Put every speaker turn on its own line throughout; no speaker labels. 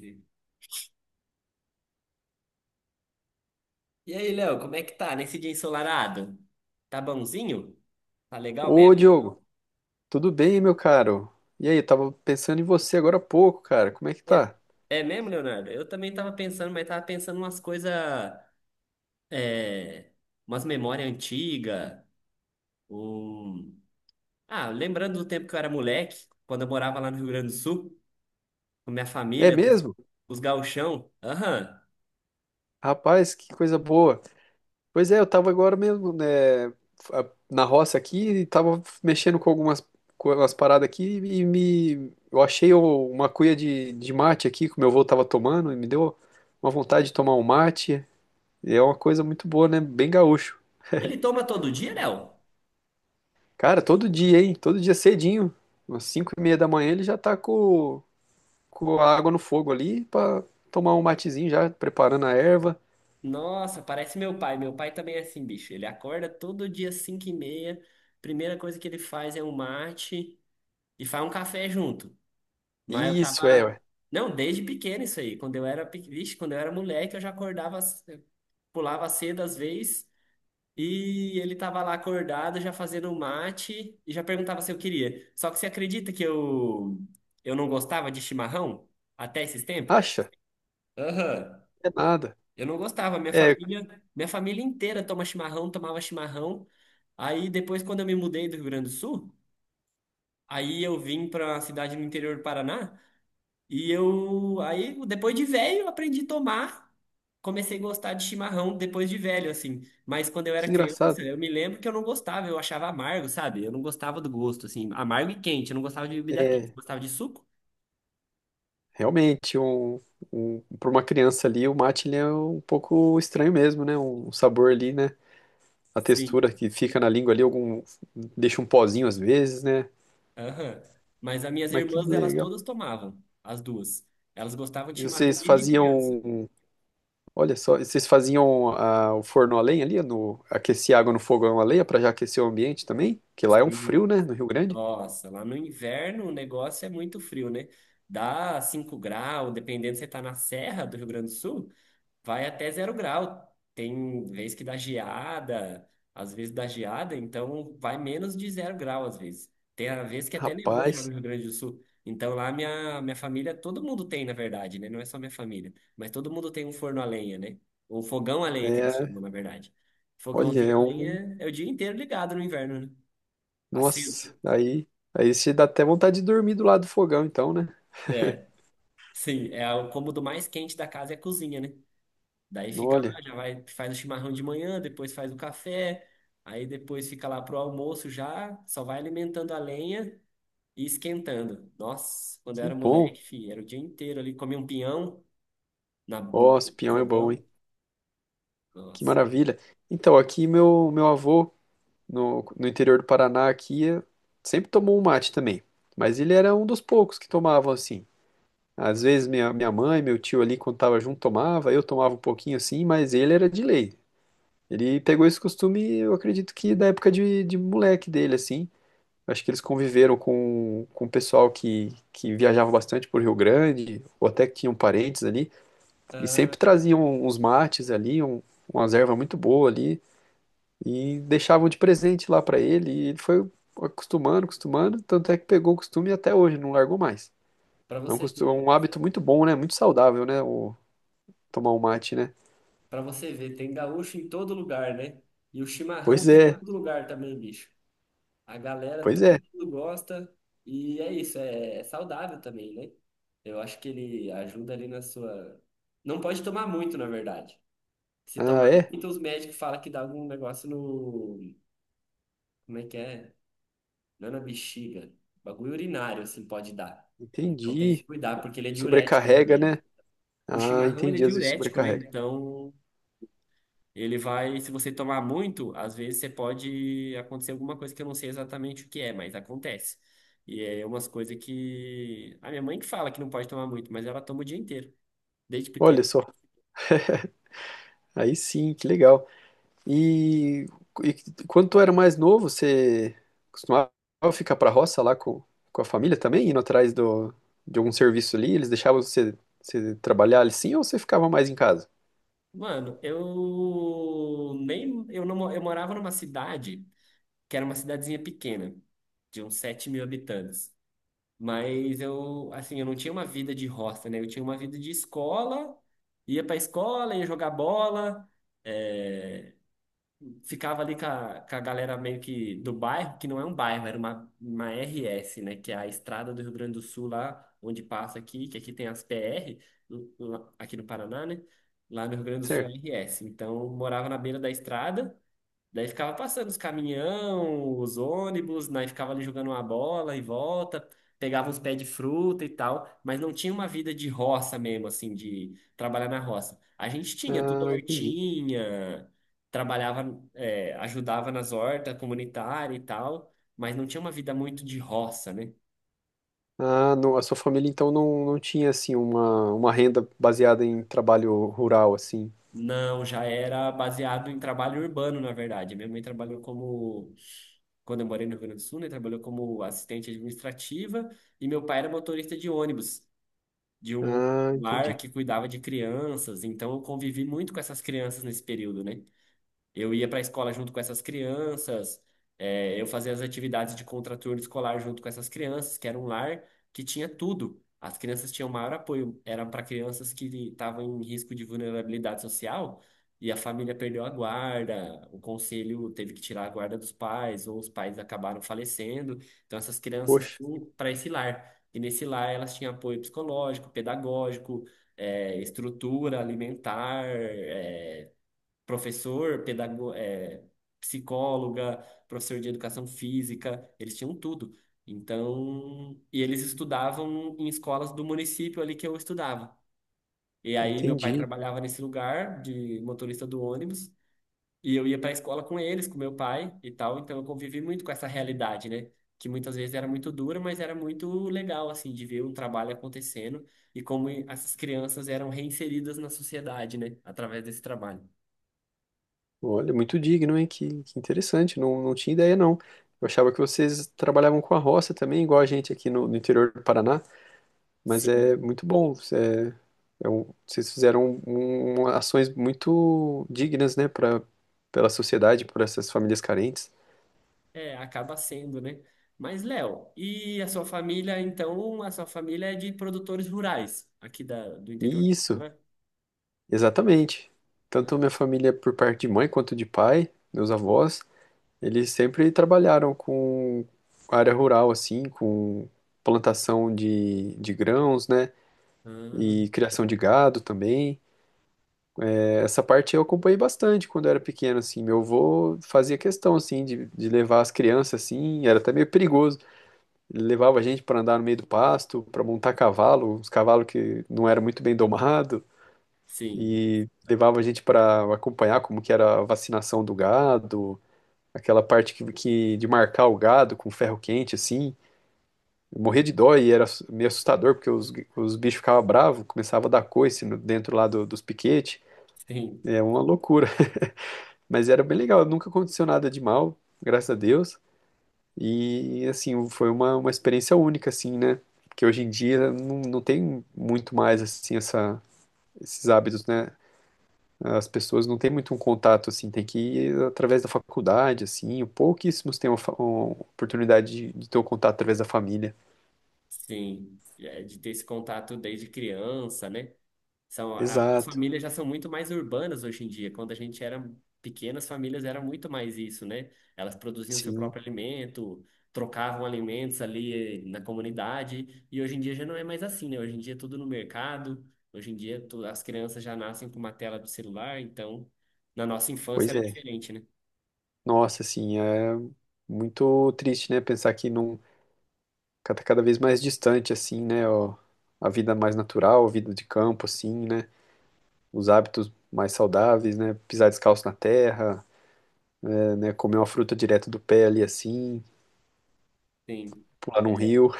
E aí, Léo, como é que tá nesse dia ensolarado? Tá bonzinho? Tá legal
Ô,
mesmo?
Diogo, tudo bem, meu caro? E aí, eu tava pensando em você agora há pouco, cara. Como é que
É,
tá?
é mesmo, Leonardo? Eu também tava pensando, mas tava pensando umas coisas, é, umas memórias antigas, um... Ah, lembrando do tempo que eu era moleque, quando eu morava lá no Rio Grande do Sul, com minha
É
família, os
mesmo?
os gauchão. Aham.
Rapaz, que coisa boa. Pois é, eu tava agora mesmo, né, na roça aqui e tava mexendo com algumas com umas paradas aqui e me eu achei uma cuia de mate aqui que o meu avô tava tomando e me deu uma vontade de tomar um mate. E é uma coisa muito boa, né? Bem gaúcho.
Ele toma todo dia, Léo?
Cara, todo dia, hein? Todo dia cedinho, umas 5:30 da manhã ele já tá com a água no fogo ali pra tomar um matezinho já, preparando a erva.
Nossa, parece meu pai. Meu pai também é assim, bicho. Ele acorda todo dia às 5h30, primeira coisa que ele faz é um mate... e faz um café junto. Mas eu
Isso, é,
tava.
ué.
Não, desde pequeno isso aí. Quando eu era, vixe, quando eu era moleque, eu já acordava, pulava cedo às vezes, e ele tava lá acordado, já fazendo um mate, e já perguntava se eu queria. Só que você acredita que eu não gostava de chimarrão até esses tempos?
Acha?
Aham.
É nada.
Eu não gostava, minha
É,
família, minha família inteira toma chimarrão, tomava chimarrão. Aí depois, quando eu me mudei do Rio Grande do Sul, aí eu vim para a cidade no interior do Paraná. E eu, aí, depois de velho, eu aprendi a tomar. Comecei a gostar de chimarrão depois de velho, assim. Mas quando eu era
que engraçado.
criança, eu me lembro que eu não gostava, eu achava amargo, sabe? Eu não gostava do gosto, assim. Amargo e quente, eu não gostava de bebida quente. Você
É,
gostava de suco?
realmente, para uma criança ali, o mate ele é um pouco estranho mesmo, né? Um sabor ali, né? A textura
Sim.
que fica na língua ali, deixa um pozinho às vezes, né?
Aham. Mas as minhas
Mas que
irmãs, elas
legal.
todas tomavam, as duas. Elas gostavam de
E
chimarrão
vocês
desde criança.
faziam, olha só, vocês faziam o forno a lenha ali, aquecer água no fogão a lenha para já aquecer o ambiente também? Que lá é um frio,
Sim.
né? No Rio Grande.
Nossa, lá no inverno o negócio é muito frio, né? Dá 5 graus, dependendo se você tá na serra do Rio Grande do Sul. Vai até 0 grau. Tem vez que dá geada, às vezes dá geada, então vai menos de 0 grau às vezes. Tem a vez que até nevou já
Rapaz,
no Rio Grande do Sul. Então lá minha família, todo mundo tem, na verdade, né? Não é só minha família, mas todo mundo tem um forno a lenha, né? Um fogão a lenha que eles chamam,
é,
na verdade.
olha,
Fogãozinho a lenha é o dia inteiro ligado no inverno, né? Assim,
nossa, aí você dá até vontade de dormir do lado do fogão, então, né?
é, sim, é o cômodo mais quente da casa é a cozinha, né? Daí fica lá,
Olha,
já vai, faz o chimarrão de manhã, depois faz o café, aí depois fica lá pro almoço já, só vai alimentando a lenha e esquentando. Nossa, quando eu
que
era
bom.
moleque, filho, era o dia inteiro ali, comia um pinhão na, no
Ó, esse pinhão é bom, hein?
fogão.
Que
Nossa.
maravilha. Então, aqui meu avô no interior do Paraná aqui sempre tomou um mate também, mas ele era um dos poucos que tomavam assim. Às vezes minha mãe, meu tio ali quando tava junto tomava, eu tomava um pouquinho assim, mas ele era de lei. Ele pegou esse costume, eu acredito que da época de moleque dele assim. Acho que eles conviveram com o pessoal que viajava bastante por Rio Grande, ou até que tinham parentes ali, e
Ah,
sempre traziam uns mates ali, umas ervas muito boas ali, e deixavam de presente lá para ele, e ele foi acostumando, acostumando, tanto é que pegou o costume e até hoje, não largou mais.
para
É
você
costume,
ver, né?
um hábito muito bom, né? Muito saudável, né? Tomar um mate, né?
Para você ver, tem gaúcho em todo lugar, né? E o chimarrão
Pois
tá em
é,
todo lugar também, bicho. A galera,
pois é.
todo mundo gosta e é isso, é saudável também, né? Eu acho que ele ajuda ali na sua. Não pode tomar muito, na verdade. Se
Ah,
tomar
é?
muito, os médicos falam que dá algum negócio no. Como é que é? Não é na bexiga. Bagulho urinário, assim, pode dar. Então tem que
Entendi.
cuidar, porque ele é diurético
Sobrecarrega,
também.
né?
O
Ah,
chimarrão, ele é
entendi, às vezes
diurético, né?
sobrecarrega.
Então ele vai, se você tomar muito, às vezes você pode acontecer alguma coisa que eu não sei exatamente o que é, mas acontece. E é umas coisas que a minha mãe que fala que não pode tomar muito, mas ela toma o dia inteiro, desde
Olha
pequeno.
só, aí sim, que legal. E, e quando tu era mais novo, você costumava ficar pra roça lá com a família também, indo atrás do, de algum serviço ali? Eles deixavam você, você trabalhar ali sim ou você ficava mais em casa?
Mano, eu nem eu não eu morava numa cidade que era uma cidadezinha pequena, de uns 7 mil habitantes. Mas eu, assim, eu não tinha uma vida de roça, né? Eu tinha uma vida de escola, ia pra escola, ia jogar bola. eh, Ficava ali com a galera meio que do bairro, que não é um bairro, era uma RS, né? Que é a estrada do Rio Grande do Sul, lá onde passa aqui, que aqui tem as PR, aqui no Paraná, né? Lá no Rio Grande do Sul é
Certo.
RS. Então, morava na beira da estrada. Daí ficava passando os caminhão, os ônibus, daí ficava ali jogando uma bola e volta, pegava uns pés de fruta e tal, mas não tinha uma vida de roça mesmo, assim, de trabalhar na roça. A gente tinha tudo
Ah, entendi.
hortinha, trabalhava, é, ajudava nas hortas comunitárias e tal, mas não tinha uma vida muito de roça, né?
Ah, não, a sua família então não, não tinha assim uma renda baseada em trabalho rural assim.
Não, já era baseado em trabalho urbano, na verdade. Minha mãe trabalhou como, quando eu morei no Rio Grande do Sul, né, trabalhou como assistente administrativa e meu pai era motorista de ônibus, de um
Ah,
lar
entendi.
que cuidava de crianças. Então eu convivi muito com essas crianças nesse período, né? Eu ia para a escola junto com essas crianças, é, eu fazia as atividades de contraturno escolar junto com essas crianças, que era um lar que tinha tudo. As crianças tinham maior apoio, era para crianças que estavam em risco de vulnerabilidade social e a família perdeu a guarda, o conselho teve que tirar a guarda dos pais, ou os pais acabaram falecendo. Então, essas crianças
Poxa,
para esse lar. E nesse lar elas tinham apoio psicológico, pedagógico, é, estrutura alimentar, professor, psicóloga, professor de educação física, eles tinham tudo. Então, e eles estudavam em escolas do município ali que eu estudava. E aí meu pai
entendi.
trabalhava nesse lugar de motorista do ônibus, e eu ia para a escola com eles, com meu pai e tal, então eu convivi muito com essa realidade, né? Que muitas vezes era muito dura, mas era muito legal, assim, de ver um trabalho acontecendo e como essas crianças eram reinseridas na sociedade, né? Através desse trabalho.
Olha, muito digno, hein? Que interessante, não, não tinha ideia, não. Eu achava que vocês trabalhavam com a roça também, igual a gente aqui no, no interior do Paraná, mas é
Sim.
muito bom. É, é vocês fizeram um, ações muito dignas, né, para pela sociedade, por essas famílias carentes.
É, acaba sendo, né? Mas, Léo, e a sua família, então, a sua família é de produtores rurais, aqui do interior do
Isso,
Paraná,
exatamente.
né?
Tanto minha família por parte de mãe quanto de pai, meus avós, eles sempre trabalharam com área rural, assim, com plantação de grãos, né? E
Ah,
criação de gado também. É, essa parte eu acompanhei bastante quando eu era pequeno, assim. Meu avô fazia questão, assim, de levar as crianças, assim, era até meio perigoso. Ele levava a gente para andar no meio do pasto, para montar cavalo, uns cavalos que não eram muito bem domados,
sim,
e levava a gente para acompanhar como que era a vacinação do gado, aquela parte que de marcar o gado com ferro quente, assim. Eu morria de dó e era meio assustador, porque os bichos ficavam bravos, começava a dar coice dos piquetes.
sim.
É uma loucura. Mas era bem legal, nunca aconteceu nada de mal, graças a Deus. E assim, foi uma experiência única, assim, né? Que hoje em dia não, não tem muito mais assim esses hábitos, né? As pessoas não têm muito um contato, assim, tem que ir através da faculdade, assim, pouquíssimos têm uma, uma oportunidade de ter o contato através da família.
Sim, é, de ter esse contato desde criança, né? São, as
Exato,
famílias já são muito mais urbanas hoje em dia. Quando a gente era pequena, as famílias era muito mais isso, né? Elas produziam seu
sim,
próprio alimento, trocavam alimentos ali na comunidade. E hoje em dia já não é mais assim, né? Hoje em dia é tudo no mercado. Hoje em dia tu- as crianças já nascem com uma tela do celular. Então, na nossa infância
pois
era
é.
diferente, né?
Nossa, assim, é muito triste, né? Pensar que não cada vez mais distante, assim, né? Ó, a vida mais natural, a vida de campo, assim, né? Os hábitos mais saudáveis, né? Pisar descalço na terra, é, né? Comer uma fruta direto do pé ali, assim,
Sim.
pular num rio.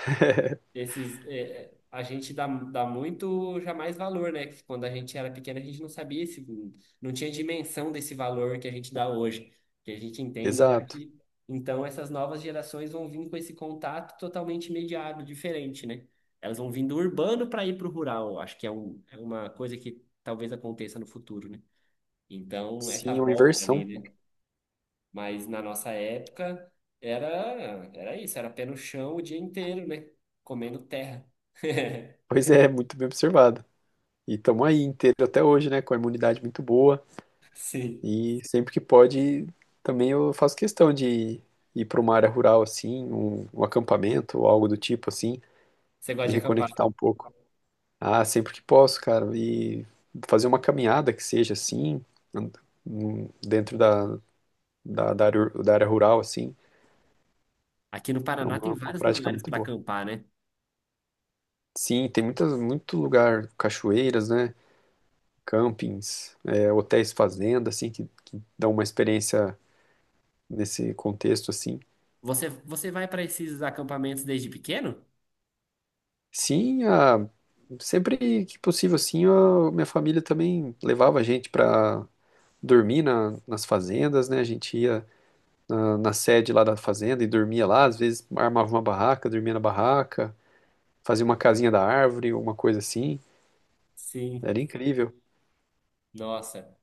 Esses, é, a gente dá muito já mais valor, né? Que quando a gente era pequeno, a gente não sabia esse, não tinha dimensão desse valor que a gente dá hoje, que a gente entende já
Exato.
que então essas novas gerações vão vir com esse contato totalmente imediato, diferente, né? Elas vão vir do urbano para ir para o rural, eu acho que é, é uma coisa que talvez aconteça no futuro, né? Então, essa
Sim, é uma
volta, né?
inversão.
Mas na nossa época era, era isso, era pé no chão o dia inteiro, né? Comendo terra.
Pois é, muito bem observado. E estamos aí inteiro até hoje, né? Com a imunidade muito boa.
Sim.
E sempre que pode, também eu faço questão de ir para uma área rural, assim, um acampamento ou algo do tipo, assim,
Você gosta
me
de acampar?
reconectar um pouco. Ah, sempre que posso, cara. E fazer uma caminhada que seja assim, and- dentro da área, da área rural, assim,
Aqui no
é
Paraná tem
uma
vários
prática
lugares
muito
para
boa.
acampar, né?
Sim, tem muitas, muito lugar, cachoeiras, né? Campings, é, hotéis fazenda, assim, que dão uma experiência nesse contexto, assim.
Você, você vai para esses acampamentos desde pequeno?
Sim, sempre que possível, assim, a minha família também levava a gente para dormir nas fazendas, né? A gente ia na, na sede lá da fazenda e dormia lá. Às vezes armava uma barraca, dormia na barraca, fazia uma casinha da árvore, uma coisa assim. Era
Sim.
incrível,
Nossa.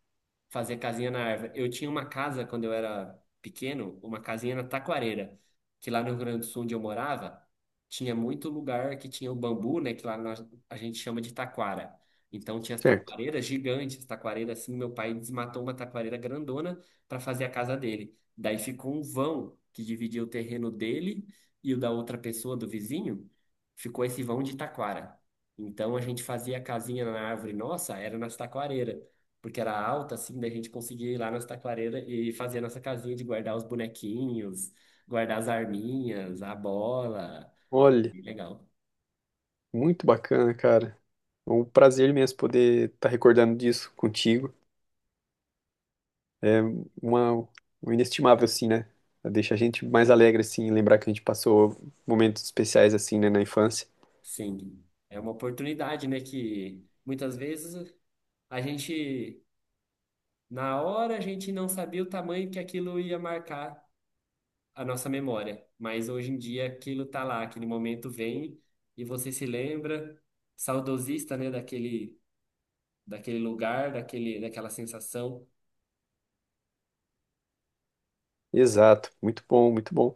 Fazer casinha na árvore. Eu tinha uma casa quando eu era pequeno, uma casinha na Taquareira, que lá no Rio Grande do Sul onde eu morava, tinha muito lugar que tinha o bambu, né, que lá a gente chama de taquara. Então tinha as
certo?
taquareiras gigantes, taquareiras assim, meu pai desmatou uma taquareira grandona para fazer a casa dele. Daí ficou um vão que dividia o terreno dele e o da outra pessoa do vizinho, ficou esse vão de taquara. Então a gente fazia a casinha na árvore nossa, era nas taquareiras porque era alta, assim, daí a gente conseguia ir lá nas taquareiras e fazer a nossa casinha de guardar os bonequinhos, guardar as arminhas, a bola.
Olha,
Bem legal.
muito bacana, cara. É um prazer mesmo poder estar recordando disso contigo. É uma, um inestimável, assim, né? Deixa a gente mais alegre, assim, lembrar que a gente passou momentos especiais, assim, né, na infância.
Sim, é uma oportunidade, né, que muitas vezes a gente, na hora, a gente não sabia o tamanho que aquilo ia marcar a nossa memória, mas hoje em dia aquilo tá lá, aquele momento vem e você se lembra, saudosista, né, daquele lugar, daquele, daquela sensação.
Exato, muito bom, muito bom.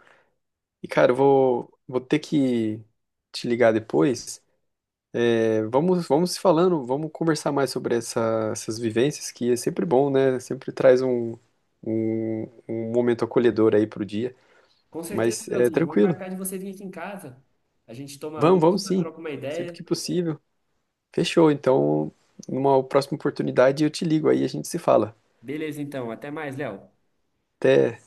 E, cara, eu vou, vou ter que te ligar depois. Vamos, vamos se falando, vamos conversar mais sobre essas vivências, que é sempre bom, né? Sempre traz um momento acolhedor aí pro dia.
Com certeza,
Mas é
Leozinho. Vamos
tranquilo.
marcar de você vir aqui em casa. A gente toma
Vamos, vamos
uma,
sim.
troca uma
Sempre
ideia.
que possível. Fechou. Então, numa próxima oportunidade, eu te ligo aí, a gente se fala.
Beleza, então. Até mais, Léo.
Até.